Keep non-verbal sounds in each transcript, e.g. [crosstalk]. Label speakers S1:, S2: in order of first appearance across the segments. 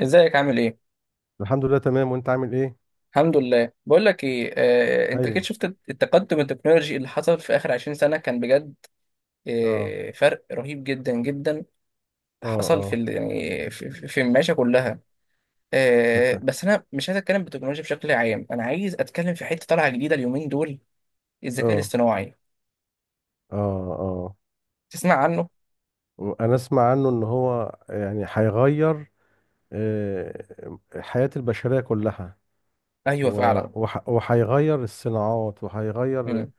S1: ازيك عامل ايه؟
S2: الحمد لله تمام، وانت عامل ايه؟
S1: الحمد لله. بقول لك ايه، انت اكيد
S2: ايوه.
S1: شفت التقدم التكنولوجي اللي حصل في اخر 20 سنه، كان بجد.
S2: اه.
S1: فرق رهيب جدا جدا
S2: اه.
S1: حصل في
S2: اه.
S1: يعني في المعيشه كلها.
S2: أنت-
S1: بس انا مش عايز اتكلم بالتكنولوجيا بشكل عام، انا عايز اتكلم في حته طالعه جديده اليومين دول: الذكاء
S2: اه.
S1: الاصطناعي.
S2: اه. اه.
S1: تسمع عنه؟
S2: وانا اسمع عنه ان هو يعني هيغير آه، حياة البشرية كلها.
S1: ايوه فعلا.
S2: وهيغير الصناعات، وهيغير
S1: مم.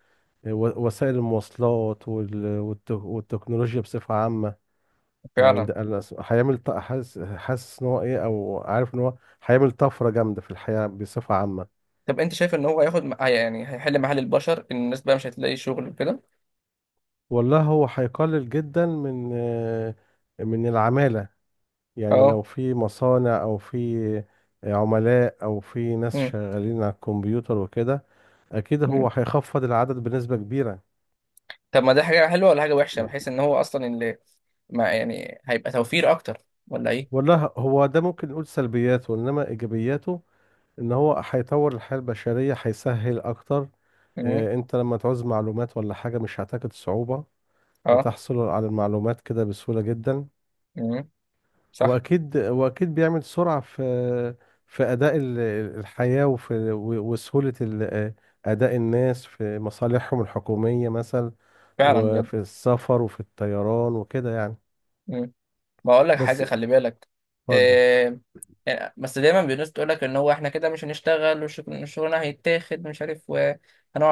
S2: وسائل المواصلات، والتكنولوجيا بصفة عامة. يعني
S1: فعلا.
S2: ده أنا هيعمل حاسس ان هو ايه او عارف ان هو هيعمل طفرة جامدة في الحياة بصفة عامة.
S1: طب انت شايف ان هو هياخد يعني هيحل محل البشر، الناس بقى مش هتلاقي شغل وكده؟
S2: والله هو هيقلل جدا من العمالة، يعني
S1: اه.
S2: لو في مصانع أو في عملاء أو في ناس
S1: مم.
S2: شغالين على الكمبيوتر وكده، أكيد هو
S1: مم.
S2: هيخفض العدد بنسبة كبيرة.
S1: طب ما ده حاجة حلوة ولا حاجة وحشة، بحيث ان هو اصلا اللي ما يعني هيبقى توفير اكتر، ولا ايه؟
S2: والله، هو ده ممكن نقول سلبياته، إنما إيجابياته إن هو هيطور الحياة البشرية، هيسهل أكتر.
S1: امم.
S2: أنت لما تعوز معلومات ولا حاجة مش هتجد صعوبة.
S1: اه.
S2: تحصل على المعلومات كده بسهولة جدا.
S1: امم. صح.
S2: واكيد بيعمل سرعه في اداء الحياه، وفي وسهوله اداء الناس في مصالحهم الحكوميه مثلا،
S1: فعلا بجد.
S2: وفي السفر وفي الطيران وكده يعني.
S1: امم. بقول لك
S2: بس.
S1: حاجة، خلي بالك.
S2: اتفضل.
S1: إيه؟ يعني بس دايما الناس تقول لك ان هو احنا كده مش هنشتغل، والشغلانه هيتاخد، مش عارف،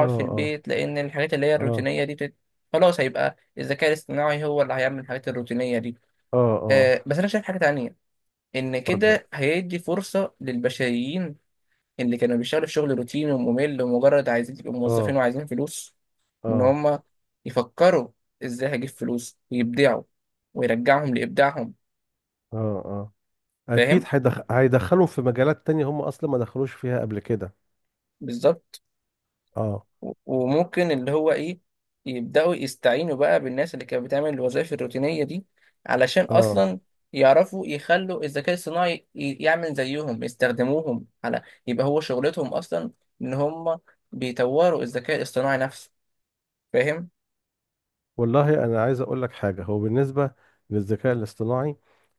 S2: اه.
S1: في
S2: اه.
S1: البيت لان الحاجات اللي هي
S2: اه.
S1: الروتينية دي. خلاص، هيبقى الذكاء الاصطناعي هو اللي هيعمل الحاجات الروتينية دي.
S2: اه. اه.
S1: بس انا شايف حاجة تانية: ان
S2: اتفضل.
S1: كده هيدي فرصة للبشريين اللي كانوا بيشتغلوا في شغل روتيني وممل ومجرد عايزين يبقوا موظفين
S2: اه.
S1: وعايزين فلوس، إن
S2: اه.
S1: هم يفكروا إزاي هجيب فلوس، ويبدعوا، ويرجعهم لإبداعهم.
S2: اه. اه. اكيد
S1: فاهم؟
S2: هيدخلهم في مجالات تانية هم اصلا ما دخلوش فيها قبل كده.
S1: بالظبط.
S2: اه.
S1: وممكن اللي هو إيه، يبدأوا يستعينوا بقى بالناس اللي كانت بتعمل الوظائف الروتينية دي، علشان
S2: اه.
S1: أصلا يعرفوا يخلوا الذكاء الصناعي يعمل زيهم، يستخدموهم على، يبقى هو شغلتهم أصلا إن هم بيطوروا الذكاء الاصطناعي نفسه. فاهم؟
S2: والله انا عايز اقول لك حاجه، هو بالنسبه للذكاء الاصطناعي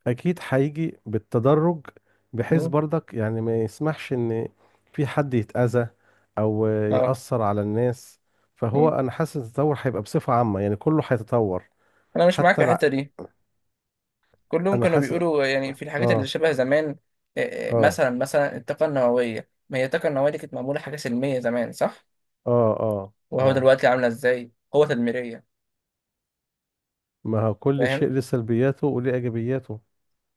S2: اكيد هيجي بالتدرج، بحيث
S1: مم.
S2: برضك يعني ما يسمحش ان في حد يتاذى او
S1: اه.
S2: ياثر على الناس. فهو
S1: مم.
S2: انا حاسس التطور هيبقى بصفه عامه، يعني كله هيتطور.
S1: انا مش معاك
S2: حتى
S1: في
S2: الع...
S1: الحته دي. كلهم
S2: انا
S1: كانوا
S2: حاسس.
S1: بيقولوا يعني في الحاجات اللي
S2: اه.
S1: شبه زمان.
S2: اه.
S1: مثلا مثلا الطاقه النوويه، ما هي الطاقه النوويه دي كانت معموله حاجه سلميه زمان، صح؟
S2: اه. اه.
S1: وهو
S2: اه.
S1: دلوقتي عامله ازاي قوه تدميريه.
S2: ما هو كل شيء
S1: فاهم؟
S2: له سلبياته وله ايجابياته.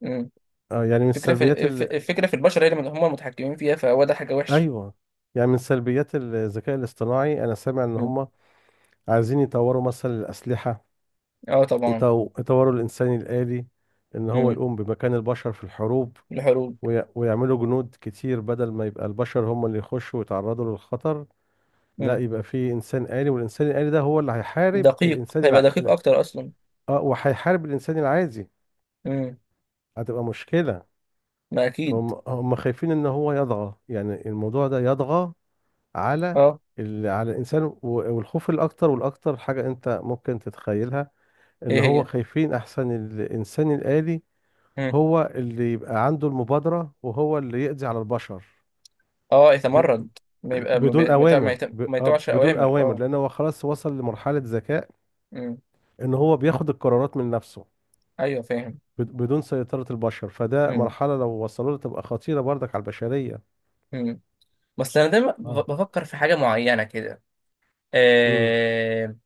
S1: مم.
S2: آه يعني من
S1: الفكره في
S2: السلبيات
S1: الف-
S2: ال...
S1: الفكره في البشر، هي اللي هم المتحكمين فيها، فهو ده حاجه وحشه.
S2: ايوه، يعني من سلبيات الذكاء الاصطناعي انا سامع ان
S1: مم.
S2: هم عايزين يطوروا مثلا الأسلحة،
S1: اه طبعا.
S2: يطوروا الإنسان الآلي، إن هو
S1: مم.
S2: يقوم بمكان البشر في الحروب،
S1: الحروب.
S2: ويعملوا جنود كتير بدل ما يبقى البشر هم اللي يخشوا ويتعرضوا للخطر. لا،
S1: مم.
S2: يبقى في إنسان آلي، والإنسان الآلي ده هو اللي هيحارب
S1: دقيق
S2: الإنسان
S1: هيبقى دقيق اكتر اصلا.
S2: وهيحارب الإنسان العادي.
S1: مم.
S2: هتبقى مشكلة.
S1: ما اكيد.
S2: فهم خايفين إن هو يطغى، يعني الموضوع ده يطغى على
S1: اه.
S2: على الإنسان، والخوف الأكتر، والأكتر حاجة أنت ممكن تتخيلها، ان
S1: ايه
S2: هو
S1: هي؟
S2: خايفين احسن الانسان الآلي
S1: مم.
S2: هو اللي يبقى عنده المبادرة وهو اللي يقضي على البشر.
S1: اه،
S2: ب...
S1: يتمرد، ما يبقى ما
S2: بدون
S1: بي- ما يتع- ما
S2: اوامر
S1: يتع-
S2: ب...
S1: ما
S2: آه،
S1: يتوعش
S2: بدون
S1: اوامر.
S2: اوامر
S1: اه.
S2: لان هو خلاص وصل لمرحلة ذكاء
S1: مم.
S2: ان هو بياخد القرارات من نفسه،
S1: ايوه فاهم.
S2: بدون سيطرة البشر. فده
S1: مم.
S2: مرحلة لو وصلوا لها تبقى خطيرة برضك على البشرية.
S1: مم. بس انا دايما
S2: اه.
S1: بفكر في حاجه معينه كده.
S2: امم.
S1: إيه؟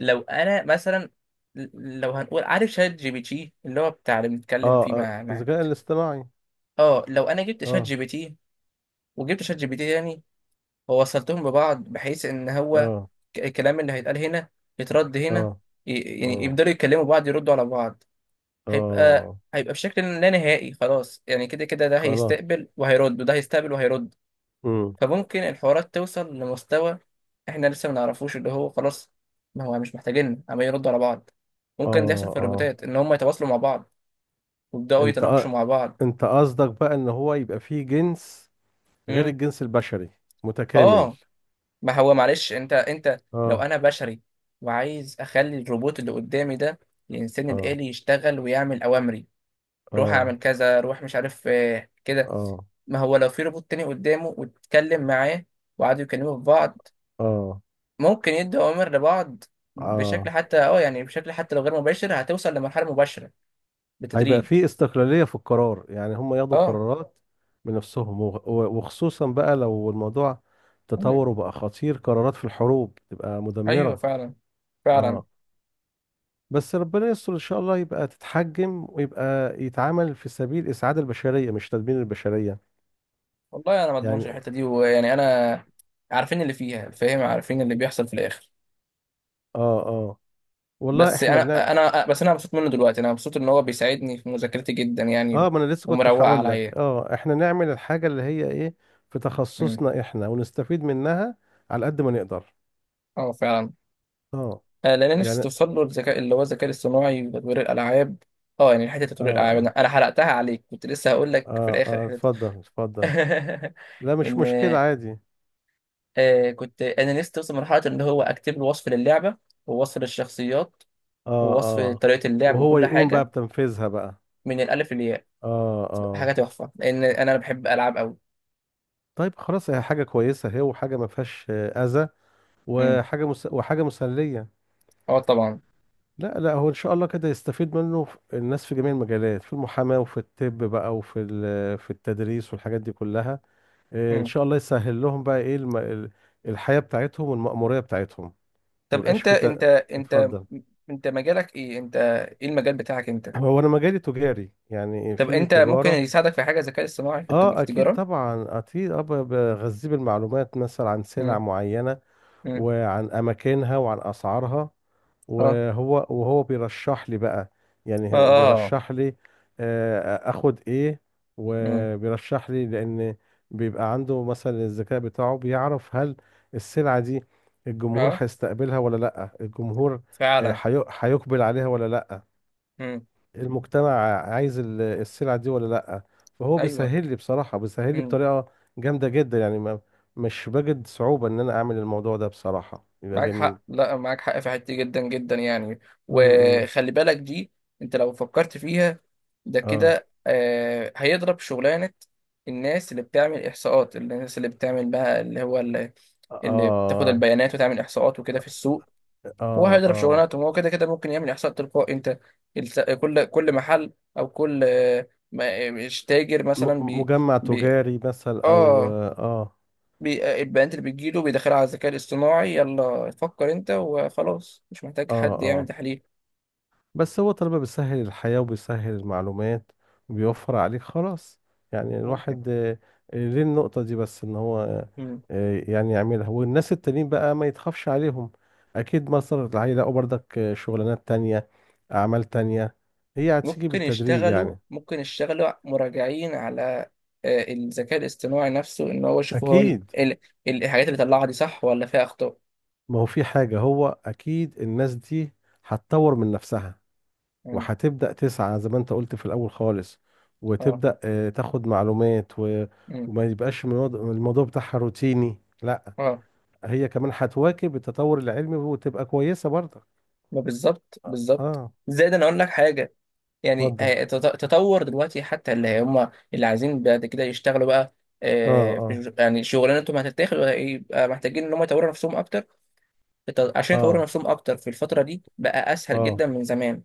S1: لو انا مثلا، لو هنقول، عارف شات جي بي تي اللي هو بتاع اللي
S2: اه.
S1: بنتكلم فيه مع مع
S2: الذكاء الاصطناعي.
S1: اه لو انا جبت شات
S2: اه.
S1: جي بي تي، وجبت شات جي بي تي تاني، ووصلتهم ببعض بحيث ان هو،
S2: اه.
S1: الكلام اللي هيتقال هنا يترد هنا،
S2: اه.
S1: ي- يعني
S2: اه.
S1: يقدروا يتكلموا بعض، يردوا على بعض. هيبقى
S2: اه.
S1: هيبقى بشكل لا نهائي خلاص، يعني كده كده ده
S2: خلاص.
S1: هيستقبل وهيرد وده هيستقبل وهيرد.
S2: امم.
S1: فممكن الحوارات توصل لمستوى احنا لسه ما نعرفوش، اللي هو خلاص ما هو مش محتاجين عمال يردوا على بعض.
S2: اه.
S1: ممكن ده يحصل في
S2: اه.
S1: الروبوتات، ان هم يتواصلوا مع بعض ويبداوا
S2: انت
S1: يتناقشوا
S2: آه،
S1: مع بعض.
S2: انت قصدك بقى ان هو يبقى فيه جنس غير
S1: امم.
S2: الجنس البشري، متكامل.
S1: اه. ما هو معلش، انت لو
S2: اه.
S1: انا بشري وعايز اخلي الروبوت اللي قدامي ده، الانسان
S2: اه.
S1: الالي، يشتغل ويعمل اوامري: روح
S2: اه.
S1: اعمل كذا، روح مش عارف كده.
S2: اه.
S1: ما هو لو في روبوت تاني قدامه واتكلم معاه، وقعدوا يكلموا في بعض،
S2: اه.
S1: ممكن يدوا اوامر لبعض بشكل
S2: اه.
S1: حتى اه يعني بشكل حتى لو غير مباشر، هتوصل لمرحله مباشره
S2: هيبقى
S1: بالتدريج.
S2: فيه استقلالية في القرار، يعني هم ياخدوا
S1: اه.
S2: قرارات بنفسهم، وخصوصا بقى لو الموضوع
S1: مم.
S2: تطور وبقى خطير، قرارات في الحروب تبقى
S1: ايوه
S2: مدمرة.
S1: فعلا. فعلا.
S2: اه. بس ربنا يستر، ان شاء الله يبقى تتحجم ويبقى يتعامل في سبيل اسعاد البشرية، مش تدمير البشرية.
S1: والله انا ما اضمنش
S2: يعني.
S1: الحته دي، ويعني انا عارفين اللي فيها، فاهم؟ عارفين اللي بيحصل في الاخر.
S2: اه. اه. والله
S1: بس
S2: احنا
S1: انا
S2: بنعمل.
S1: انا بس انا مبسوط منه دلوقتي، انا مبسوط ان هو بيساعدني في مذاكرتي جدا يعني،
S2: اه، ما انا لسه كنت
S1: ومروق
S2: هقول لك
S1: عليا.
S2: احنا نعمل الحاجة اللي هي ايه، في
S1: مم.
S2: تخصصنا احنا، ونستفيد منها على قد ما نقدر.
S1: اه فعلا.
S2: اه.
S1: لان أنا نفسي
S2: يعني. اه.
S1: توصل له الذكاء، اللي هو الذكاء الاصطناعي وتطوير الالعاب. اه، يعني حته تطوير الالعاب، انا
S2: اه.
S1: أنا حرقتها عليك، كنت لسه هقول لك في
S2: اه.
S1: الاخر
S2: اه.
S1: حته.
S2: اتفضل. اتفضل.
S1: [laughs]
S2: لا، مش
S1: ان
S2: مشكلة، عادي.
S1: كنت انا لسه وصل مرحله ان هو اكتب له وصف للعبه، ووصف للشخصيات،
S2: اه.
S1: ووصف
S2: اه.
S1: طريقه اللعب،
S2: وهو
S1: وكل
S2: يقوم بقى
S1: حاجه
S2: بتنفيذها بقى.
S1: من الالف للياء.
S2: اه. اه.
S1: حاجه تحفه لان انا بحب العاب قوي.
S2: طيب خلاص، هي حاجة كويسة اهي، وحاجة ما فيهاش أذى،
S1: امم.
S2: وحاجة مسلية.
S1: اه طبعا.
S2: لا، لا، هو إن شاء الله كده يستفيد منه الناس في جميع المجالات، في المحاماة وفي الطب بقى، وفي ال... في التدريس والحاجات دي كلها. إيه، ان
S1: امم.
S2: شاء الله يسهل لهم بقى ايه الحياة بتاعتهم والمأمورية بتاعتهم. ما
S1: طب
S2: يبقاش في اتفضل.
S1: انت مجالك ايه انت؟ ايه المجال بتاعك انت؟
S2: [clears throat] هو انا مجالي تجاري، يعني
S1: طب
S2: في
S1: انت ممكن
S2: تجارة.
S1: يساعدك في حاجه الذكاء الاصطناعي في في
S2: اه، اكيد
S1: التجاره؟
S2: طبعا، اكيد. اه بغذيه بالمعلومات مثلا عن سلع
S1: امم.
S2: معينة،
S1: امم.
S2: وعن أماكنها وعن أسعارها،
S1: اه.
S2: وهو بيرشح لي بقى.
S1: اه.
S2: يعني
S1: اه.
S2: بيرشح لي اخد ايه،
S1: امم.
S2: وبيرشح لي لان بيبقى عنده مثلا الذكاء بتاعه، بيعرف هل السلعة دي الجمهور
S1: اه
S2: هيستقبلها ولا لا. الجمهور
S1: فعلا.
S2: هيقبل عليها ولا لا.
S1: امم.
S2: المجتمع عايز السلعة دي ولا لأ. فهو
S1: ايوه.
S2: بيسهل لي بصراحة، بيسهل لي
S1: إمم.
S2: بطريقة جامدة جدا يعني، ما، مش بجد صعوبة إن أنا أعمل الموضوع ده، بصراحة يبقى
S1: معاك
S2: جميل.
S1: حق. لا، معاك حق في حتة دي جدا جدا يعني.
S2: امم.
S1: وخلي بالك دي، انت لو فكرت فيها، ده
S2: اه.
S1: كده هيضرب شغلانة الناس اللي بتعمل إحصاءات، الناس اللي بتعمل بقى، اللي بتاخد
S2: اه.
S1: البيانات وتعمل إحصاءات وكده في السوق. هو
S2: اه.
S1: هيضرب
S2: اه.
S1: شغلانته، هو كده كده ممكن يعمل إحصاء تلقائي. انت كل محل، أو كل مش تاجر مثلا،
S2: م- مجمع
S1: بي
S2: تجاري مثلا، أو
S1: اه
S2: اه.
S1: البيانات اللي بتجيله بيدخلها على الذكاء الاصطناعي، يلا فكر انت وخلاص، مش محتاج
S2: اه.
S1: حد يعمل
S2: آه.
S1: تحليل.
S2: بس هو طالما بيسهل الحياة وبيسهل المعلومات وبيوفر عليك، خلاص، يعني
S1: ممكن.
S2: الواحد ليه النقطة دي، بس ان هو
S1: مم.
S2: يعني يعملها، والناس التانيين بقى ما يتخافش عليهم. اكيد. مصر هيلاقوا برضك شغلانات تانية، اعمال تانية، هي هتيجي بالتدريج يعني.
S1: ممكن يشتغلوا مراجعين على الذكاء الاصطناعي نفسه، ان هو يشوف هو
S2: اكيد.
S1: الحاجات اللي طلعها دي صح ولا فيها اخطاء.
S2: ما هو في حاجة، هو اكيد الناس دي هتطور من نفسها،
S1: مم.
S2: وهتبدأ تسعى زي ما انت قلت في الأول خالص،
S1: اه.
S2: وتبدأ تاخد معلومات
S1: مم.
S2: وما يبقاش الموضوع بتاعها روتيني. لا،
S1: اه
S2: هي كمان هتواكب التطور العلمي وتبقى كويسة برضه.
S1: ما بالظبط
S2: اه.
S1: بالظبط.
S2: آه،
S1: زائد انا اقول لك حاجه: يعني
S2: اتفضل.
S1: تطور دلوقتي حتى اللي هم اللي عايزين بعد كده يشتغلوا بقى،
S2: اه. اه.
S1: يعني شغلانتهم هتتاخد، يبقى محتاجين ان هم يطوروا نفسهم اكتر. عشان يطوروا
S2: اه.
S1: نفسهم اكتر في الفترة دي بقى اسهل
S2: اه.
S1: جدا من زمان.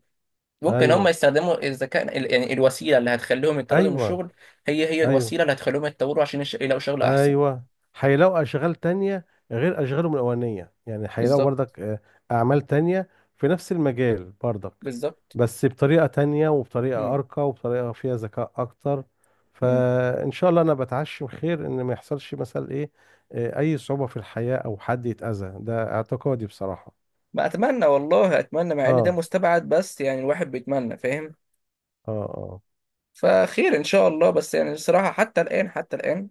S1: ممكن هم
S2: ايوه.
S1: يستخدموا الذكاء يعني الوسيلة اللي هتخليهم يطردوا من
S2: ايوه.
S1: الشغل، هي
S2: ايوه.
S1: الوسيلة اللي هتخليهم يتطوروا عشان يلاقوا شغل احسن.
S2: ايوه. هيلاقوا اشغال تانية غير اشغالهم الاولانيه يعني، هيلاقوا
S1: بالظبط.
S2: برضك اعمال تانية في نفس المجال برضك،
S1: بالظبط.
S2: بس بطريقه تانية، وبطريقه
S1: مم.
S2: ارقى، وبطريقه فيها ذكاء اكتر.
S1: مم.
S2: فان شاء الله انا بتعشم خير، ان ما يحصلش مثلا ايه اي صعوبه في الحياه، او حد يتاذى، ده اعتقادي بصراحه.
S1: ما اتمنى، والله اتمنى، مع ان ده
S2: اه.
S1: مستبعد، بس يعني الواحد بيتمنى. فاهم؟
S2: اه. اه.
S1: فخير ان شاء الله. بس يعني الصراحة، حتى الآن حتى الآن،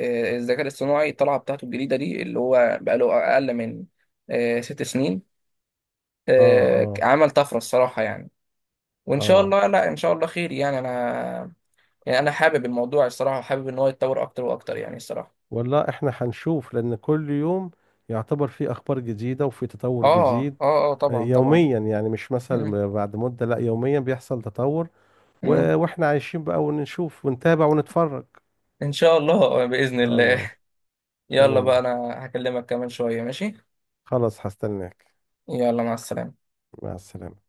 S1: الذكاء الاصطناعي الطلعه بتاعته الجديده دي اللي هو بقاله اقل من 6 سنين،
S2: اه. اه.
S1: عمل طفره الصراحه يعني. وان شاء
S2: اه.
S1: الله، لا، ان شاء الله خير. يعني انا، يعني انا حابب الموضوع الصراحه، حابب ان هو يتطور اكتر واكتر يعني الصراحه.
S2: والله احنا هنشوف، لان كل يوم يعتبر فيه اخبار جديدة وفي
S1: اه
S2: تطور جديد.
S1: اه اه طبعا طبعا.
S2: يوميا يعني، مش
S1: مم.
S2: مثلا بعد مدة، لا يوميا بيحصل تطور.
S1: مم.
S2: واحنا عايشين بقى، ونشوف ونتابع ونتفرج.
S1: ان شاء الله باذن
S2: ان شاء الله.
S1: الله. [laughs] يلا بقى،
S2: تمام.
S1: انا هكلمك كمان شويه، ماشي؟
S2: خلاص، هستناك.
S1: يلا، مع السلامه.
S2: مع السلامة.